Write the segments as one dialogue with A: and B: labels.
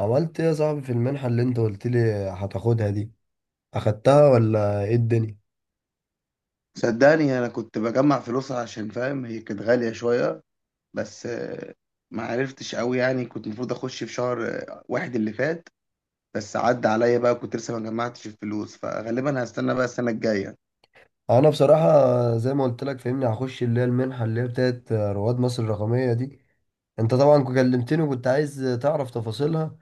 A: عملت ايه يا صاحبي في المنحة اللي انت قلت لي هتاخدها دي؟ اخدتها ولا ايه الدنيا؟
B: صدقني انا كنت بجمع فلوس عشان فاهم، هي كانت غالية شوية. بس ما عرفتش قوي. يعني كنت المفروض اخش في شهر واحد اللي فات، بس عدى عليا بقى، كنت لسه ما جمعتش الفلوس، فغالبا هستنى بقى السنة الجاية.
A: انا بصراحة زي ما قلت لك فهمني هخش اللي هي المنحة اللي هي بتاعت رواد مصر الرقمية دي. انت طبعا كلمتني وكنت عايز تعرف تفاصيلها،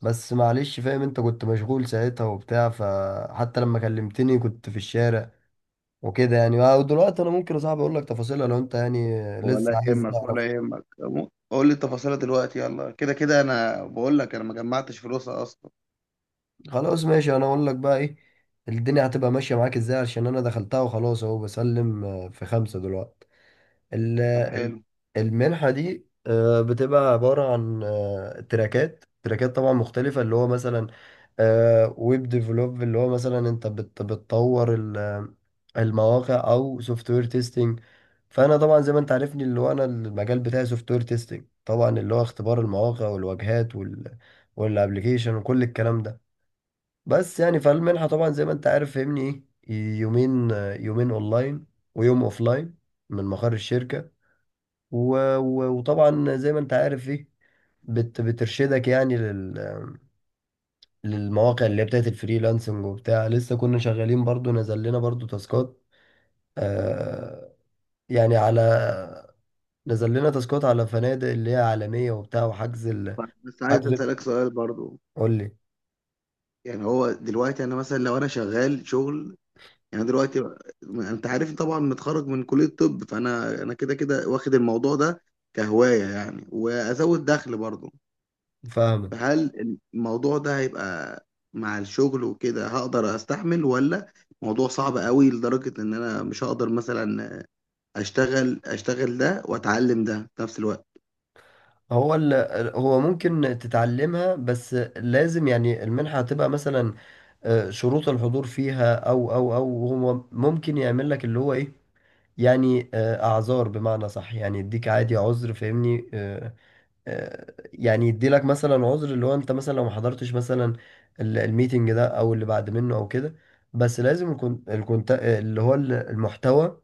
A: بس معلش فاهم انت كنت مشغول ساعتها وبتاع، فحتى لما كلمتني كنت في الشارع وكده يعني. ودلوقتي انا ممكن يا صاحبي اقول لك تفاصيلها لو انت يعني
B: ولا
A: لسه عايز
B: يهمك
A: تعرف.
B: ولا يهمك، قول لي التفاصيل دلوقتي يلا، كده كده انا بقول لك انا ما جمعتش فلوسها اصلا.
A: خلاص ماشي، انا اقول لك بقى ايه الدنيا هتبقى ماشيه معاك ازاي، عشان انا دخلتها وخلاص اهو بسلم في خمسه دلوقتي. ال-
B: طب
A: ال-
B: حلو.
A: المنحه دي بتبقى عباره عن تراكات طبعا مختلفه، اللي هو مثلا ويب ديفلوب اللي هو مثلا انت بتطور المواقع او سوفت وير تيستنج. فانا طبعا زي ما انت عارفني اللي هو انا المجال بتاعي سوفت وير تيستنج، طبعا اللي هو اختبار المواقع والواجهات والابلكيشن وكل الكلام ده. بس يعني فالمنحة طبعا زي ما انت عارف فهمني ايه، يومين، يومين اونلاين ويوم اوفلاين من مقر الشركة. و... وطبعا زي ما انت عارف ايه، بترشدك يعني للمواقع اللي هي بتاعت الفريلانسنج وبتاع. لسه كنا شغالين برضو، نزل لنا برضو تاسكات، آه، يعني على، نزل لنا تاسكات على فنادق اللي هي عالمية وبتاع، وحجز
B: طب بس عايز
A: حجز.
B: اسالك سؤال برضو،
A: قول لي،
B: يعني هو دلوقتي انا مثلا لو انا شغال شغل، يعني دلوقتي انت عارفني طبعا متخرج من كلية الطب، فانا كده كده واخد الموضوع ده كهواية يعني، وازود دخل برضه.
A: فاهمك.
B: فهل الموضوع ده هيبقى مع الشغل وكده هقدر استحمل، ولا موضوع صعب قوي لدرجة ان انا مش هقدر مثلا اشتغل ده واتعلم ده في نفس الوقت؟
A: هو ال... هو ممكن تتعلمها، بس لازم يعني المنحة هتبقى مثلا شروط الحضور فيها او هو ممكن يعمل لك اللي هو ايه، يعني اعذار، بمعنى صح يعني يديك عادي عذر فاهمني، يعني يدي لك مثلا عذر اللي هو انت مثلا لو ما حضرتش مثلا الميتنج ده او اللي بعد منه او كده. بس لازم يكون الكونت اللي هو المحتوى،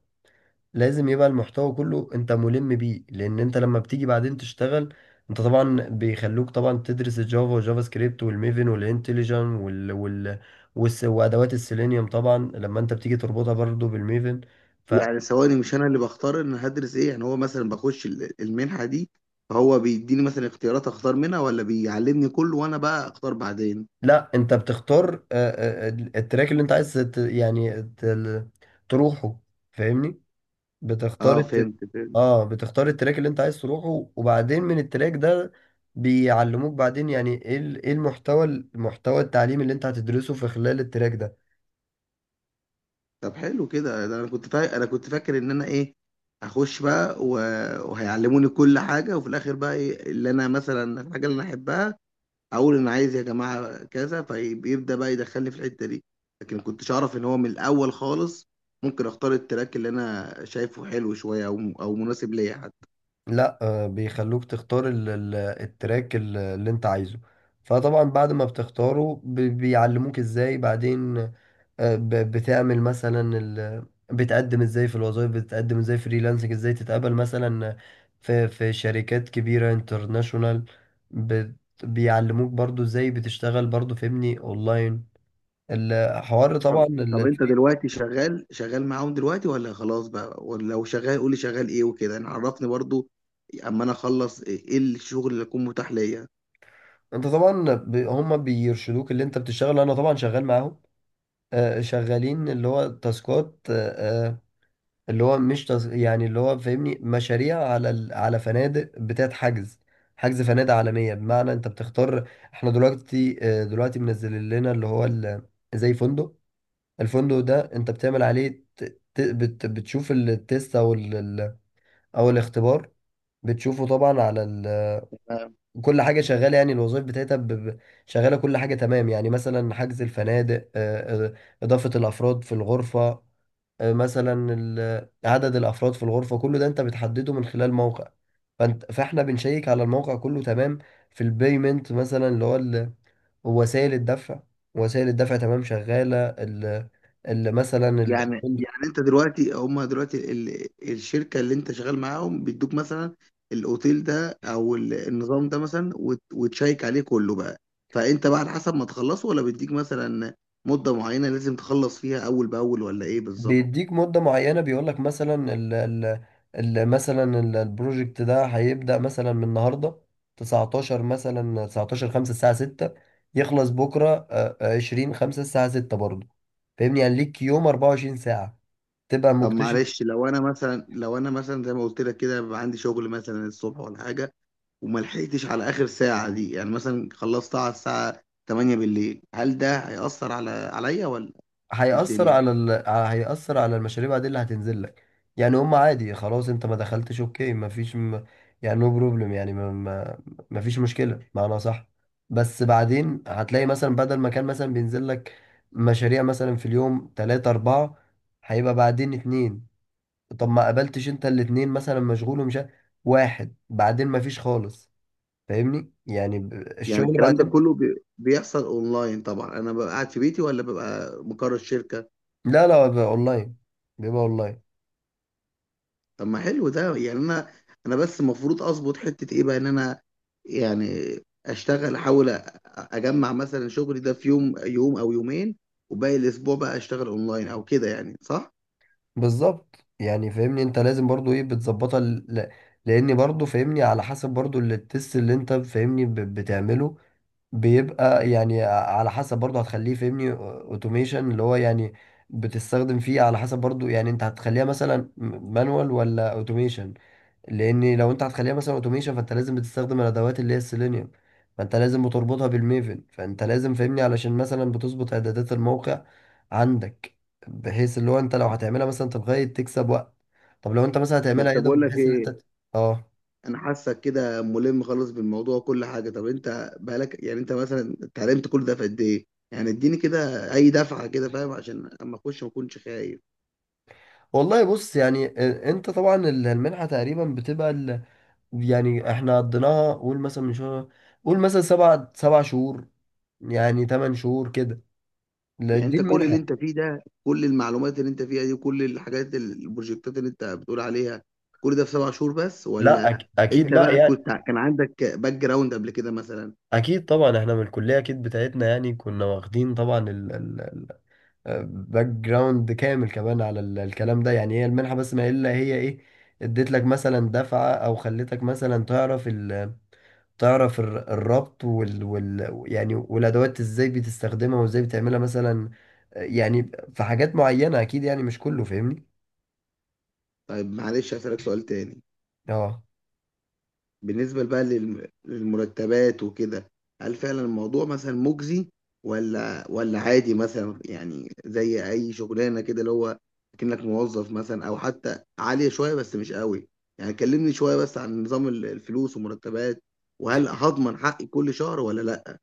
A: لازم يبقى المحتوى كله انت ملم بيه، لان انت لما بتيجي بعدين تشتغل انت طبعا بيخلوك طبعا تدرس الجافا والجافا سكريبت والميفن والانتليجن وادوات السيلينيوم، طبعا لما انت بتيجي تربطها برضو بالميفن. فلا،
B: يعني ثواني، مش انا اللي بختار ان هدرس ايه؟ يعني هو مثلا بخش المنحة دي، فهو بيديني مثلا اختيارات اختار منها، ولا بيعلمني كله وانا بقى اختار بعدين؟
A: انت بتختار التراك اللي انت عايز يعني تروحه، فاهمني. بتختار
B: اه
A: الت...
B: فهمت فهمت.
A: اه بتختار التراك اللي انت عايز تروحه، وبعدين من التراك ده بيعلموك بعدين يعني ايه ايه المحتوى، المحتوى التعليمي اللي انت هتدرسه في خلال التراك ده.
B: طب حلو كده. ده انا كنت، طيب انا كنت فاكر ان انا ايه، هخش بقى وهيعلموني كل حاجه، وفي الاخر بقى إيه اللي انا مثلا الحاجه اللي انا احبها اقول انا عايز يا جماعه كذا، فبيبدا بقى يدخلني في الحته دي. لكن كنتش اعرف ان هو من الاول خالص ممكن اختار التراك اللي انا شايفه حلو شويه او مناسب ليا حتى.
A: لا آه بيخلوك تختار التراك اللي انت عايزه، فطبعا بعد ما بتختاره بيعلموك ازاي بعدين بتعمل مثلا بتقدم ازاي في الوظائف، بتقدم ازاي فريلانسنج، ازاي تتقبل مثلا في في شركات كبيرة انترناشونال. بت... بيعلموك برضو ازاي بتشتغل برضو فهمني اونلاين الحوار، طبعا
B: طب طب، انت
A: الفري.
B: دلوقتي شغال شغال معاهم دلوقتي ولا خلاص بقى؟ ولا لو شغال قولي شغال ايه وكده يعني، عرفني برضو اما انا اخلص ايه إيه الشغل اللي يكون متاح ليا.
A: انت طبعا هم بيرشدوك اللي انت بتشتغل، انا طبعا شغال معاهم شغالين اللي هو تاسكات اللي هو مش تص... يعني اللي هو فاهمني مشاريع على على فنادق بتاعت حجز، حجز فنادق عالمية. بمعنى انت بتختار، احنا دلوقتي دلوقتي منزل لنا اللي هو زي فندق، الفندق ده انت بتعمل عليه بتشوف التيست او او الاختبار، بتشوفه طبعا على كل حاجة شغالة يعني، الوظائف بتاعتها شغالة، كل حاجة تمام يعني مثلا حجز الفنادق إضافة الأفراد في الغرفة، مثلا عدد الافراد في الغرفه كله ده انت بتحدده من خلال موقع، فاحنا بنشيك على الموقع كله تمام. في البيمنت مثلا اللي هو وسائل الدفع، وسائل الدفع تمام شغاله مثلا
B: يعني
A: تمام.
B: يعني انت دلوقتي هم دلوقتي الشركه اللي انت شغال معاهم بيدوك مثلا الاوتيل ده او النظام ده مثلا وتشيك عليه كله بقى، فانت بقى على حسب ما تخلصه، ولا بيديك مثلا مده معينه لازم تخلص فيها اول باول، ولا ايه بالظبط؟
A: بيديك مدة معينة، بيقولك مثلا ال ال ال مثلا البروجكت ده هيبدأ مثلا من النهاردة 19 مثلا 19 5 الساعة 6، يخلص بكرة 20 5 الساعة 6 برضه. فاهمني يعني ليك يوم 24 ساعة تبقى
B: طب
A: مكتشف.
B: معلش، لو انا مثلا، لو انا مثلا زي ما قلت لك كده، بيبقى عندي شغل مثلا الصبح ولا حاجه، وما لحقتش على اخر ساعه دي، يعني مثلا خلصتها على الساعه 8 بالليل، هل ده هيأثر على عليا ولا إيه الدنيا؟
A: هيأثر على المشاريب عادي اللي هتنزل لك. يعني هم عادي خلاص انت ما دخلتش، اوكي، ما فيش م... يعني نو بروبلم يعني ما فيش مشكلة، معنى صح. بس بعدين هتلاقي مثلا بدل ما كان مثلا بينزل لك مشاريع مثلا في اليوم تلاتة أربعة، هيبقى بعدين اتنين. طب ما قابلتش انت الاتنين مثلا مشغول واحد، بعدين ما فيش خالص، فاهمني. يعني
B: يعني
A: الشغل
B: الكلام ده
A: بعدين.
B: كله بيحصل اونلاين طبعا؟ انا ببقى قاعد في بيتي ولا ببقى مقر الشركه؟
A: لا لا بيبقى اونلاين، بيبقى اونلاين.
B: طب ما حلو ده يعني. انا بس المفروض اظبط حته ايه بقى، ان انا يعني اشتغل، احاول اجمع مثلا شغلي ده في يوم يوم او يومين، وباقي الاسبوع بقى اشتغل اونلاين او كده يعني، صح؟
A: بالظبط يعني فاهمني، انت لازم برضو ايه بتظبطها لان برضو فاهمني على حسب برضو التست اللي انت فاهمني بتعمله، بيبقى يعني على حسب برضو هتخليه فاهمني اوتوميشن اللي هو يعني بتستخدم فيه. على حسب برضو يعني انت هتخليها مثلا مانوال ولا اوتوميشن، لان لو انت هتخليها مثلا اوتوميشن فانت لازم بتستخدم الادوات اللي هي السيلينيوم، فانت لازم بتربطها بالميفن، فانت لازم فاهمني علشان مثلا بتظبط اعدادات الموقع عندك، بحيث اللي هو انت لو هتعملها مثلا تلغاية تكسب وقت. طب لو انت مثلا هتعملها
B: بس
A: يدوي
B: بقول لك
A: بحيث ان
B: ايه،
A: انت اه،
B: انا حاسك كده ملم خالص بالموضوع وكل حاجه. طب انت بقالك يعني، انت مثلا اتعلمت كل ده في قد ايه؟ يعني اديني كده اي دفعه كده فاهم، عشان اما اخش ما اكونش خايف.
A: والله بص يعني انت طبعا المنحة تقريبا يعني احنا قضيناها قول مثلا من شهر، قول مثلا سبع شهور يعني ثمان شهور كده. لا،
B: يعني
A: دي
B: انت كل اللي
A: المنحة.
B: انت فيه ده، كل المعلومات اللي انت فيها دي وكل الحاجات البروجكتات اللي انت بتقول عليها، كل ده في 7 شهور بس،
A: لا
B: ولا
A: أك...
B: انت
A: اكيد لا
B: بقى
A: يعني.
B: كنت كان عندك باك جراوند قبل كده مثلا؟
A: اكيد طبعا احنا من الكليه اكيد بتاعتنا يعني كنا واخدين طبعا الباك جراوند كامل كمان على الكلام ده. يعني هي المنحه بس ما الا هي ايه، اديت لك مثلا دفعه، او خلتك مثلا تعرف تعرف الربط وال, وال يعني والادوات ازاي بتستخدمها وازاي بتعملها مثلا يعني. في حاجات معينه اكيد، يعني مش كله فاهمني.
B: طيب معلش هسألك سؤال تاني.
A: اه
B: بالنسبة بقى للمرتبات وكده، هل فعلا الموضوع مثلا مجزي، ولا عادي مثلا يعني زي أي شغلانة كده، اللي هو كأنك موظف مثلا، أو حتى عالية شوية بس مش قوي؟ يعني كلمني شوية بس عن نظام الفلوس ومرتبات، وهل هضمن حقي كل شهر ولا لا؟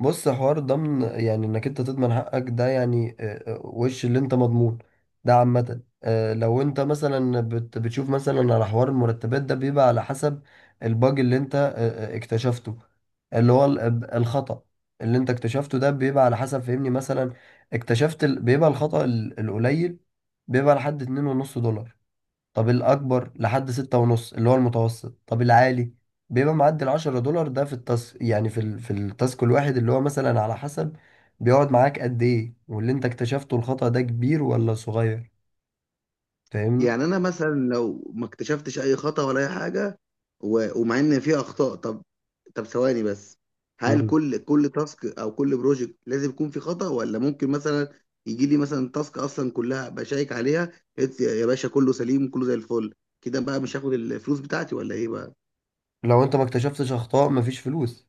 A: بص، حوار ضمن يعني انك انت تضمن حقك ده، يعني وش اللي انت مضمون، ده عامة لو انت مثلا بتشوف مثلا على حوار المرتبات ده بيبقى على حسب الباج اللي انت اكتشفته اللي هو الخطأ اللي انت اكتشفته ده بيبقى على حسب فهمني مثلا اكتشفت بيبقى الخطأ القليل بيبقى لحد اتنين ونص دولار. طب الأكبر لحد ستة ونص اللي هو المتوسط. طب العالي بيبقى معدي العشرة دولار ده في التاس يعني في التاسك الواحد اللي هو مثلا على حسب بيقعد معاك قد إيه، واللي أنت اكتشفته الخطأ ده كبير ولا صغير، فاهمني؟
B: يعني انا مثلا لو ما اكتشفتش اي خطأ ولا اي حاجه، ومع ان في اخطاء، طب، طب ثواني بس، هل
A: مم.
B: كل كل تاسك او كل بروجكت لازم يكون في خطأ، ولا ممكن مثلا يجي لي مثلا تاسك اصلا كلها بشيك عليها، قلت يا يا باشا كله سليم كله زي الفل، كده بقى مش هاخد الفلوس بتاعتي ولا ايه بقى؟
A: لو أنت ما اكتشفتش أخطاء مفيش فلوس.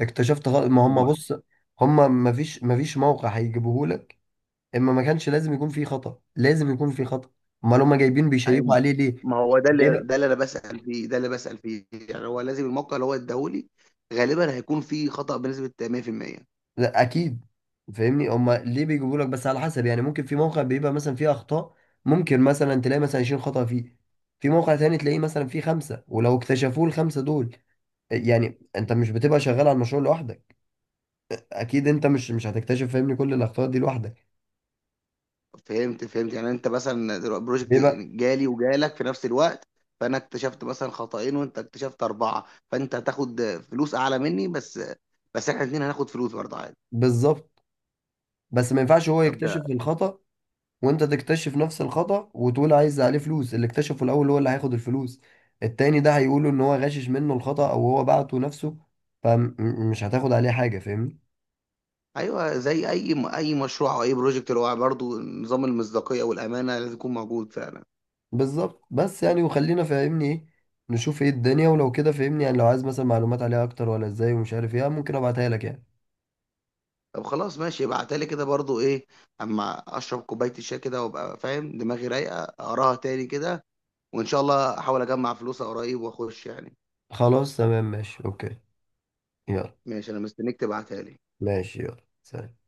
A: ما
B: ما
A: هم
B: هو،
A: بص، مفيش موقع هيجيبهولك. إما ما كانش لازم يكون فيه خطأ، لازم يكون فيه خطأ، أمال هم جايبين بيشيكوا
B: ايوه،
A: عليه
B: ما هو ده اللي، ده
A: ليه؟
B: اللي انا بسأل فيه، ده اللي بسأل فيه، يعني هو لازم الموقع اللي هو اداهولي غالبا هيكون فيه خطأ بنسبة 100%؟
A: لا اكيد، فاهمني هما ليه بيجيبوا لك، بس على حسب يعني ممكن في موقع بيبقى مثلا فيه اخطاء ممكن مثلا تلاقي مثلا 20 خطأ فيه، في موقع تاني تلاقيه مثلا فيه خمسة، ولو اكتشفوه الخمسة دول يعني انت مش بتبقى شغال على المشروع لوحدك، اكيد انت مش هتكتشف فاهمني كل الاخطاء دي لوحدك.
B: فهمت فهمت. يعني انت مثلا دلوقتي بروجكت
A: بيبقى
B: جالي وجالك في نفس الوقت، فانا اكتشفت مثلا خطأين وانت اكتشفت اربعه، فانت هتاخد فلوس اعلى مني، بس احنا الاثنين هناخد فلوس برضه عادي؟
A: بالظبط. بس ما ينفعش هو
B: طب
A: يكتشف
B: ده،
A: الخطأ وانت تكتشف نفس الخطأ وتقول عايز عليه فلوس، اللي اكتشفه الاول هو اللي هياخد الفلوس، التاني ده هيقوله ان هو غاشش منه الخطأ او هو بعته نفسه فمش هتاخد عليه حاجة، فاهمني.
B: ايوه، زي اي اي مشروع او اي بروجكت، اللي هو برضه نظام المصداقيه والامانه لازم يكون موجود فعلا.
A: بالظبط. بس يعني وخلينا فاهمني ايه نشوف ايه الدنيا، ولو كده فاهمني يعني لو عايز مثلا معلومات عليها اكتر ولا ازاي ومش عارف ايه ممكن ابعتها لك يعني.
B: طب خلاص ماشي، ابعتلي كده برضه ايه، اما اشرب كوبايه الشاي كده وابقى فاهم، دماغي رايقه اقراها تاني كده، وان شاء الله احاول اجمع فلوسها قريب واخش يعني.
A: خلاص تمام ماشي اوكي، يلا.
B: ماشي انا مستنيك تبعتها لي.
A: ماشي يلا سلام.